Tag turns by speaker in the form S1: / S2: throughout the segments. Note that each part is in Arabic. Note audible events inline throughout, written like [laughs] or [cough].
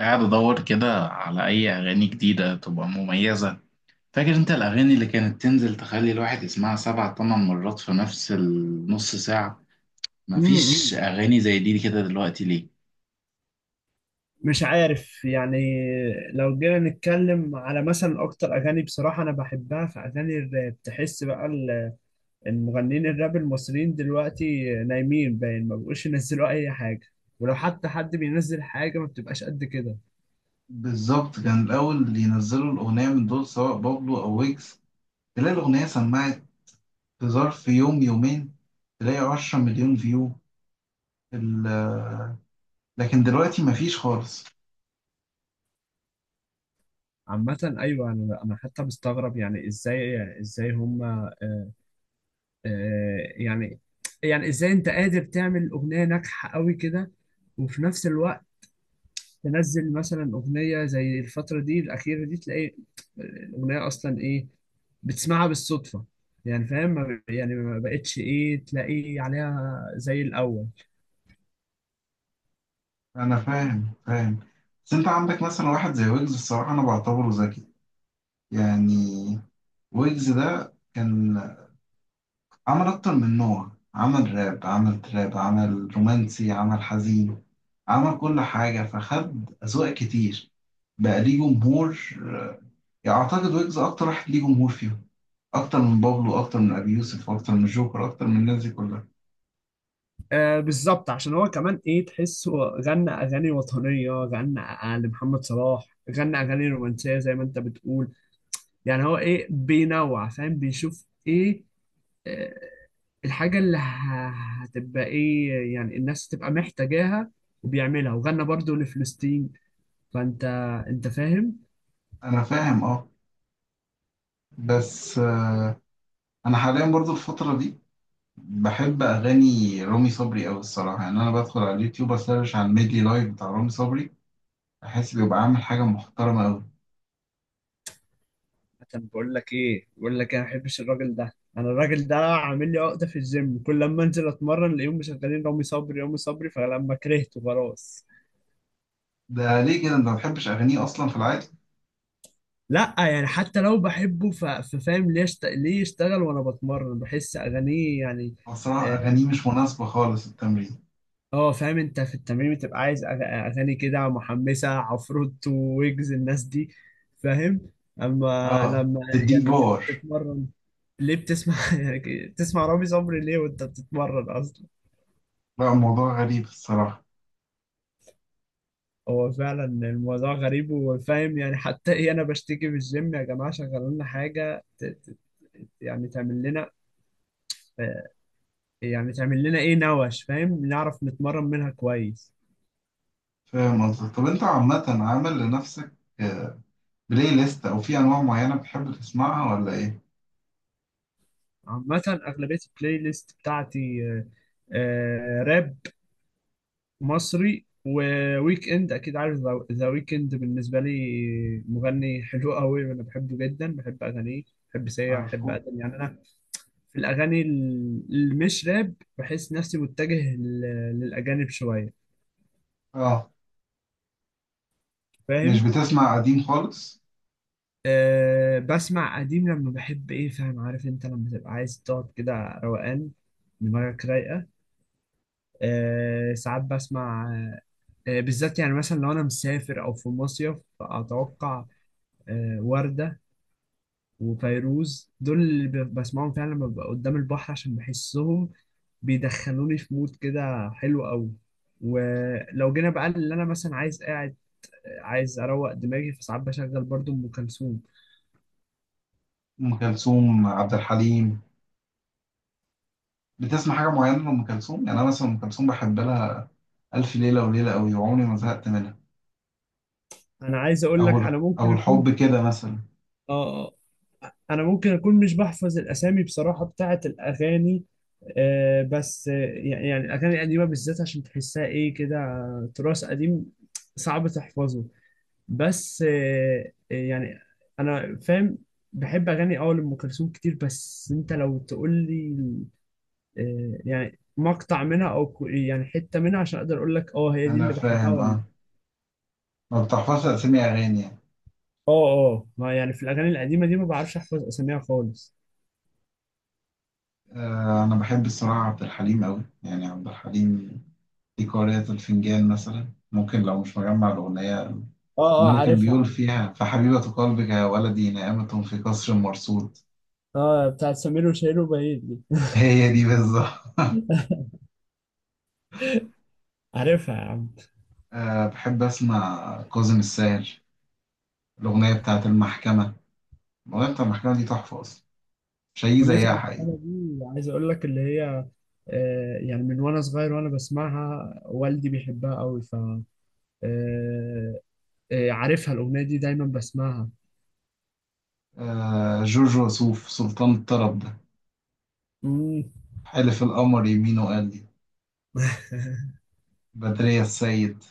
S1: قاعد ادور كده على اي اغاني جديده تبقى مميزه. فاكر انت الاغاني اللي كانت تنزل تخلي الواحد يسمعها 7 8 مرات في نفس النص ساعه؟ مفيش
S2: مم.
S1: اغاني زي دي كده دلوقتي ليه؟
S2: مش عارف يعني. لو جينا نتكلم على مثلا اكتر اغاني، بصراحه انا بحبها في اغاني الراب. تحس بقى المغنيين الراب المصريين دلوقتي نايمين، باين ما بقوش ينزلوا اي حاجه. ولو حتى حد بينزل حاجه ما بتبقاش قد كده.
S1: بالظبط، كان الأول اللي ينزلوا الأغنية من دول سواء بابلو أو ويجز، تلاقي الأغنية سمعت في ظرف يوم يومين، تلاقي 10 مليون فيو. ال- لكن دلوقتي مفيش خالص.
S2: عامه ايوه، انا حتى مستغرب، يعني ازاي هم آه يعني يعني ازاي انت قادر تعمل اغنيه ناجحه قوي كده، وفي نفس الوقت تنزل مثلا اغنيه زي الفتره دي الاخيره دي، تلاقي الاغنيه اصلا ايه، بتسمعها بالصدفه. يعني فاهم، يعني ما بقتش ايه تلاقي عليها زي الاول.
S1: أنا فاهم. بس أنت عندك مثلا واحد زي ويجز، الصراحة أنا بعتبره ذكي، يعني ويجز ده كان عمل أكتر من نوع، عمل راب، عمل تراب، عمل رومانسي، عمل حزين، عمل كل حاجة، فخد أذواق كتير، بقى ليه جمهور. يعني أعتقد ويجز أكتر واحد ليه جمهور فيهم، أكتر من بابلو، أكتر من أبي يوسف، أكتر من جوكر، أكتر من الناس دي كلها.
S2: آه بالظبط، عشان هو كمان ايه تحسه، غنى اغاني وطنيه، غنى لمحمد صلاح، غنى اغاني رومانسيه زي ما انت بتقول. يعني هو ايه بينوع، فاهم، بيشوف ايه آه، الحاجه اللي هتبقى ايه يعني الناس تبقى محتاجاها وبيعملها. وغنى برضو لفلسطين. فانت، انت فاهم.
S1: أنا فاهم، أه. بس أنا حاليا برضو الفترة دي بحب أغاني رامي صبري أوي الصراحة. يعني أنا بدخل على اليوتيوب، أسرش على الميدلي لايف بتاع رامي صبري، أحس بيبقى عامل حاجة محترمة أوي.
S2: طب بقول لك ايه، بقول لك انا ما بحبش الراجل ده. انا الراجل ده عامل لي عقده في الجيم، كل لما انزل اتمرن الاقيهم مشغلين رامي صبري رامي صبري، فلما كرهته خلاص.
S1: ده ليه كده انت ما بتحبش اغانيه اصلا في العادي؟
S2: لا يعني حتى لو بحبه، ففاهم ليه ليه يشتغل وانا بتمرن، بحس اغانيه يعني.
S1: هو الصراحه
S2: آه،
S1: اغانيه مش مناسبه خالص للتمرين.
S2: اه فاهم، انت في التمرين بتبقى عايز اغاني كده محمسه، عفروتو، ويجز، الناس دي. فاهم. اما
S1: اه،
S2: لما
S1: تديك
S2: يعني تبقى
S1: باور.
S2: بتتمرن، ليه بتسمع [laughs] يعني بتسمع رامي صبري ليه وانت بتتمرن اصلا؟
S1: لا، الموضوع غريب الصراحه.
S2: هو فعلا الموضوع غريب. وفاهم يعني حتى ايه، انا بشتكي في الجيم يا جماعه شغلوا لنا حاجه، يعني تعمل لنا، يعني تعمل لنا ايه نوش، فاهم، نعرف نتمرن منها كويس.
S1: فاهم قصدك. طب انت عامه عامل لنفسك آه، بلاي ليست او في انواع معينه بتحب تسمعها ولا ايه؟
S2: عامة أغلبية البلاي ليست بتاعتي راب مصري، وويك اند. اكيد عارف ذا ويك اند، بالنسبه لي مغني حلو قوي، انا بحبه جدا، بحب اغانيه. بحب سيا، بحب
S1: عارفه.
S2: ادم. يعني انا في الاغاني اللي مش راب، بحس نفسي متجه للاجانب شويه.
S1: اه، مش
S2: فاهم.
S1: بتسمع قديم خالص؟
S2: أه بسمع قديم لما بحب ايه، فاهم، عارف انت لما تبقى عايز تقعد كده روقان، دماغك رايقه. أه، ساعات بسمع بالذات، يعني مثلا لو انا مسافر او في مصيف اتوقع، وردة وفيروز دول اللي بسمعهم فعلا لما ببقى قدام البحر، عشان بحسهم بيدخلوني في مود كده حلو قوي. ولو جينا بقى اللي انا مثلا عايز قاعد، عايز اروق دماغي، فساعات بشغل برضو ام كلثوم.
S1: ام كلثوم، عبد الحليم. بتسمع حاجه معينه لام كلثوم؟ يعني انا مثلا ام كلثوم بحب لها الف ليله وليله قوي، وعمري ما زهقت منها.
S2: انا عايز اقول
S1: او
S2: لك انا
S1: او
S2: ممكن اكون.
S1: الحب كده مثلا.
S2: اه. آه، انا ممكن اكون مش بحفظ الاسامي بصراحة بتاعت الاغاني. آه بس يعني، الاغاني القديمة بالذات عشان تحسها ايه كده، تراث قديم صعب تحفظه. بس يعني انا فاهم. بحب اغاني اول ام كلثوم كتير، بس انت لو تقول لي يعني مقطع منها او يعني حته منها، عشان اقدر اقول لك اه هي دي
S1: انا
S2: اللي بحبها
S1: فاهم،
S2: ولا.
S1: اه، ما بتحفظش أسامي أغاني يعني.
S2: اه. اه ما يعني في الاغاني القديمه دي، ما بعرفش احفظ اساميها خالص.
S1: آه، أنا بحب الصراحة عبد الحليم أوي، يعني عبد الحليم في قارئة الفنجان مثلا، ممكن لو مش مجمع الأغنية،
S2: اه. اه
S1: اللي كان بيقول
S2: عارفها.
S1: فيها فحبيبة قلبك يا ولدي نائمة في قصر مرصود.
S2: اه بتاعت سمير وشهير وبهير دي.
S1: [laughs] هي دي بالظبط.
S2: [laughs] عارفها يا عم.
S1: [laughs] آه، بحب أسمع كاظم الساهر، الأغنية بتاعت المحكمة. الأغنية بتاعت المحكمة دي تحفة أصلا، مش هيجي
S2: أغنية
S1: زيها حقيقي.
S2: المحكمة دي، عايز أقول لك اللي هي يعني من وأنا صغير وأنا بسمعها والدي بيحبها أوي. ف آه، عارفها الأغنية دي، دايما بسمعها.
S1: آه، جورج وسوف سلطان الطرب ده،
S2: مم.
S1: حلف القمر يمينه قال لي،
S2: [laughs]
S1: بدرية السيد.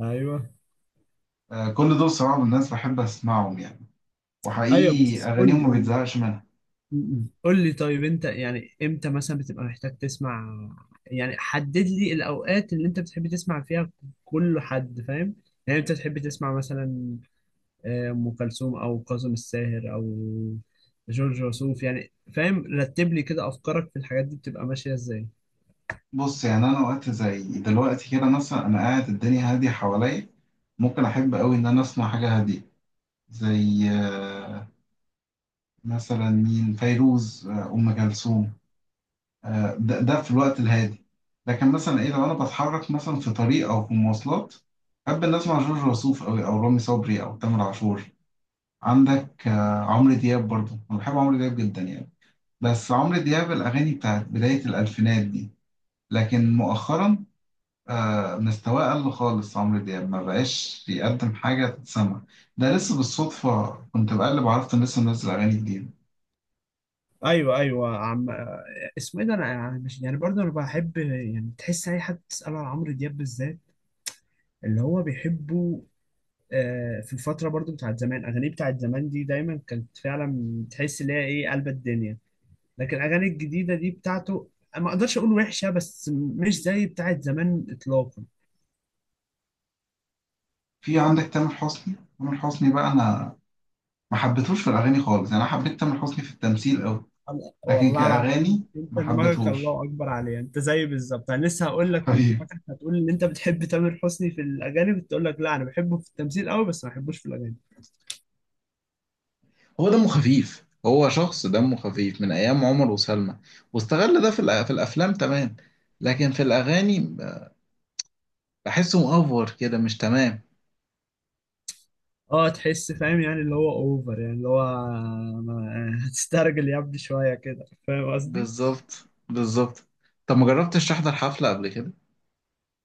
S2: ايوه
S1: آه، كل دول صراحة من الناس بحب أسمعهم يعني،
S2: ايوه.
S1: وحقيقي
S2: بس قول لي،
S1: أغانيهم ما
S2: قول لي.
S1: بتزهقش منها.
S2: قول لي طيب، انت يعني امتى مثلا بتبقى محتاج تسمع؟ يعني حدد لي الاوقات اللي انت بتحب تسمع فيها. كل حد فاهم. يعني انت تحب تسمع مثلا ام كلثوم، او كاظم الساهر، او جورج وسوف؟ يعني فاهم، رتب لي كده افكارك في الحاجات دي بتبقى ماشية ازاي.
S1: بص، يعني أنا وقت زي دلوقتي كده مثلا، أنا قاعد الدنيا هادية حواليا، ممكن أحب أوي إن أنا أسمع حاجة هادية زي مثلا مين، فيروز، أم كلثوم. ده في الوقت الهادي. لكن مثلا إيه، لو أنا بتحرك مثلا في طريق أو في مواصلات، أحب إن أسمع جورج وسوف أوي، أو رامي صبري، أو تامر عاشور. عندك عمرو دياب برضه، أنا بحب عمرو دياب جدا يعني، بس عمرو دياب الأغاني بتاعت بداية الألفينات دي. لكن مؤخرا مستواه قل خالص، عمرو دياب ما بقاش يقدم حاجة تتسمع. ده لسه بالصدفة كنت بقلب عرفت إن لسه منزل أغاني جديدة.
S2: ايوه ايوه عم. اسمه ايه ده، انا مش يعني برضه انا بحب، يعني تحس اي حد تساله على عمرو دياب بالذات اللي هو بيحبه. في الفتره برضه بتاعت زمان، اغانيه بتاعت زمان دي دايما كانت فعلا تحس ان هي ايه قلب الدنيا. لكن الاغاني الجديده دي بتاعته، ما اقدرش اقول وحشه، بس مش زي بتاعت زمان اطلاقا.
S1: في عندك تامر حسني. تامر حسني بقى أنا ما حبيتهوش في الأغاني خالص. يعني أنا حبيت تامر حسني في التمثيل أوي، لكن
S2: والله العظيم،
S1: كأغاني
S2: انت
S1: ما
S2: دماغك
S1: حبيتهوش
S2: الله اكبر عليها. انت زي بالظبط انا، لسه هقول لك كنت
S1: حبيبي.
S2: فاكرك هتقول ان انت بتحب تامر حسني في الاغاني، كنت اقول لك لا انا بحبه في التمثيل قوي بس ما بحبوش في الاغاني.
S1: هو دمه خفيف، هو شخص دمه خفيف من ايام عمر وسلمى، واستغل ده في في الافلام، تمام. لكن في الاغاني احسه مأفور كده، مش تمام.
S2: اه تحس فاهم، يعني اللي هو اوفر، يعني اللي هو [laughs] هتسترجل يا ابني شويه كده، فاهم قصدي.
S1: بالظبط، بالظبط. طب ما جربتش تحضر حفلة قبل كده؟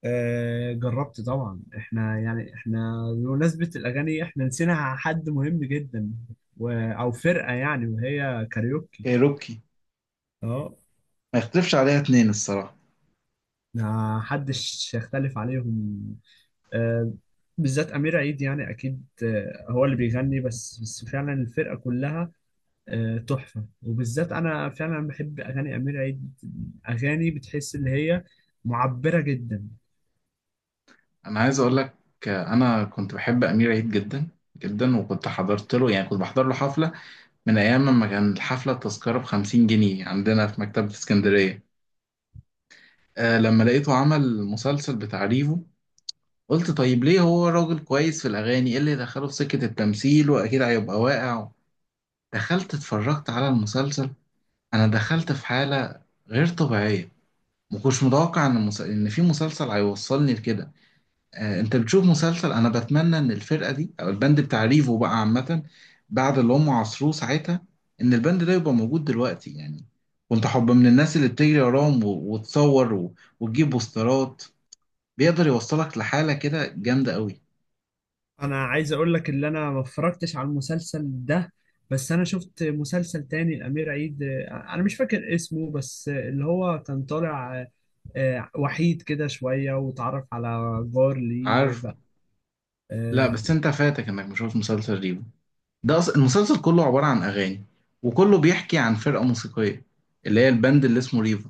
S2: آه جربت طبعا. احنا يعني احنا بمناسبه الاغاني احنا نسينا حد مهم جدا، او فرقه يعني، وهي كاريوكي.
S1: كايروكي؟
S2: اه.
S1: ما يختلفش عليها 2 الصراحة.
S2: ما حدش يختلف عليهم. آه، بالذات أمير عيد، يعني أكيد هو اللي بيغني، بس فعلا الفرقة كلها تحفة. وبالذات أنا فعلا بحب أغاني أمير عيد، أغاني بتحس إن هي معبرة جدا.
S1: انا عايز اقول لك، انا كنت بحب امير عيد جدا جدا. وكنت حضرت له، يعني كنت بحضر له حفلة من ايام لما كان الحفلة التذكرة بـ50 جنيه عندنا في مكتبة اسكندرية. لما لقيته عمل مسلسل بتاع ريفو، قلت طيب ليه، هو راجل كويس في الاغاني، ايه اللي دخله في سكة التمثيل واكيد هيبقى واقع. دخلت اتفرجت على المسلسل، انا دخلت في حاله غير طبيعيه. ما كنتش متوقع ان ان في مسلسل هيوصلني لكده. آه، انت بتشوف مسلسل، انا بتمنى ان الفرقه دي او البند بتاع ريفو بقى عامه، بعد اللي هم عصروه ساعتها، ان البند ده يبقى موجود دلوقتي يعني. كنت حب من الناس اللي بتجري وراهم وتصور وتجيب بوسترات. بيقدر يوصلك لحاله كده جامده قوي.
S2: أنا عايز أقول لك إن أنا ما اتفرجتش على المسلسل ده، بس أنا شفت مسلسل تاني لأمير عيد. أنا مش فاكر اسمه، بس اللي هو كان طالع وحيد كده شوية، وتعرف على جار ليه
S1: عارفه.
S2: بقى.
S1: لا،
S2: آه،
S1: بس انت فاتك انك مشوف مسلسل ريفو. ده المسلسل كله عبارة عن أغاني، وكله بيحكي عن فرقة موسيقية، اللي هي البند اللي اسمه ريفا،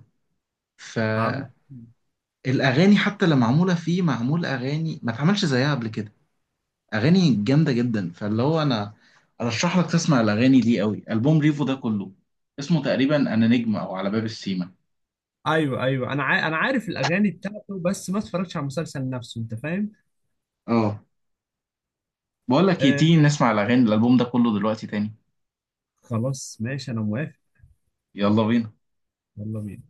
S1: فالأغاني
S2: عم.
S1: حتى اللي معمولة فيه، معمول أغاني ما اتعملش زيها قبل كده، أغاني جامدة جدا. فاللي هو أنا أرشح لك تسمع الأغاني دي قوي، ألبوم ريفو ده كله، اسمه تقريبا أنا نجم أو على باب السيما.
S2: ايوه ايوه انا انا عارف الاغاني بتاعته، بس ما اتفرجتش على المسلسل نفسه، انت فاهم.
S1: اه. بقول لك إيه،
S2: آه
S1: تيجي نسمع الأغاني الألبوم ده كله دلوقتي تاني؟
S2: خلاص ماشي، انا موافق.
S1: يلا بينا.
S2: يلا بينا.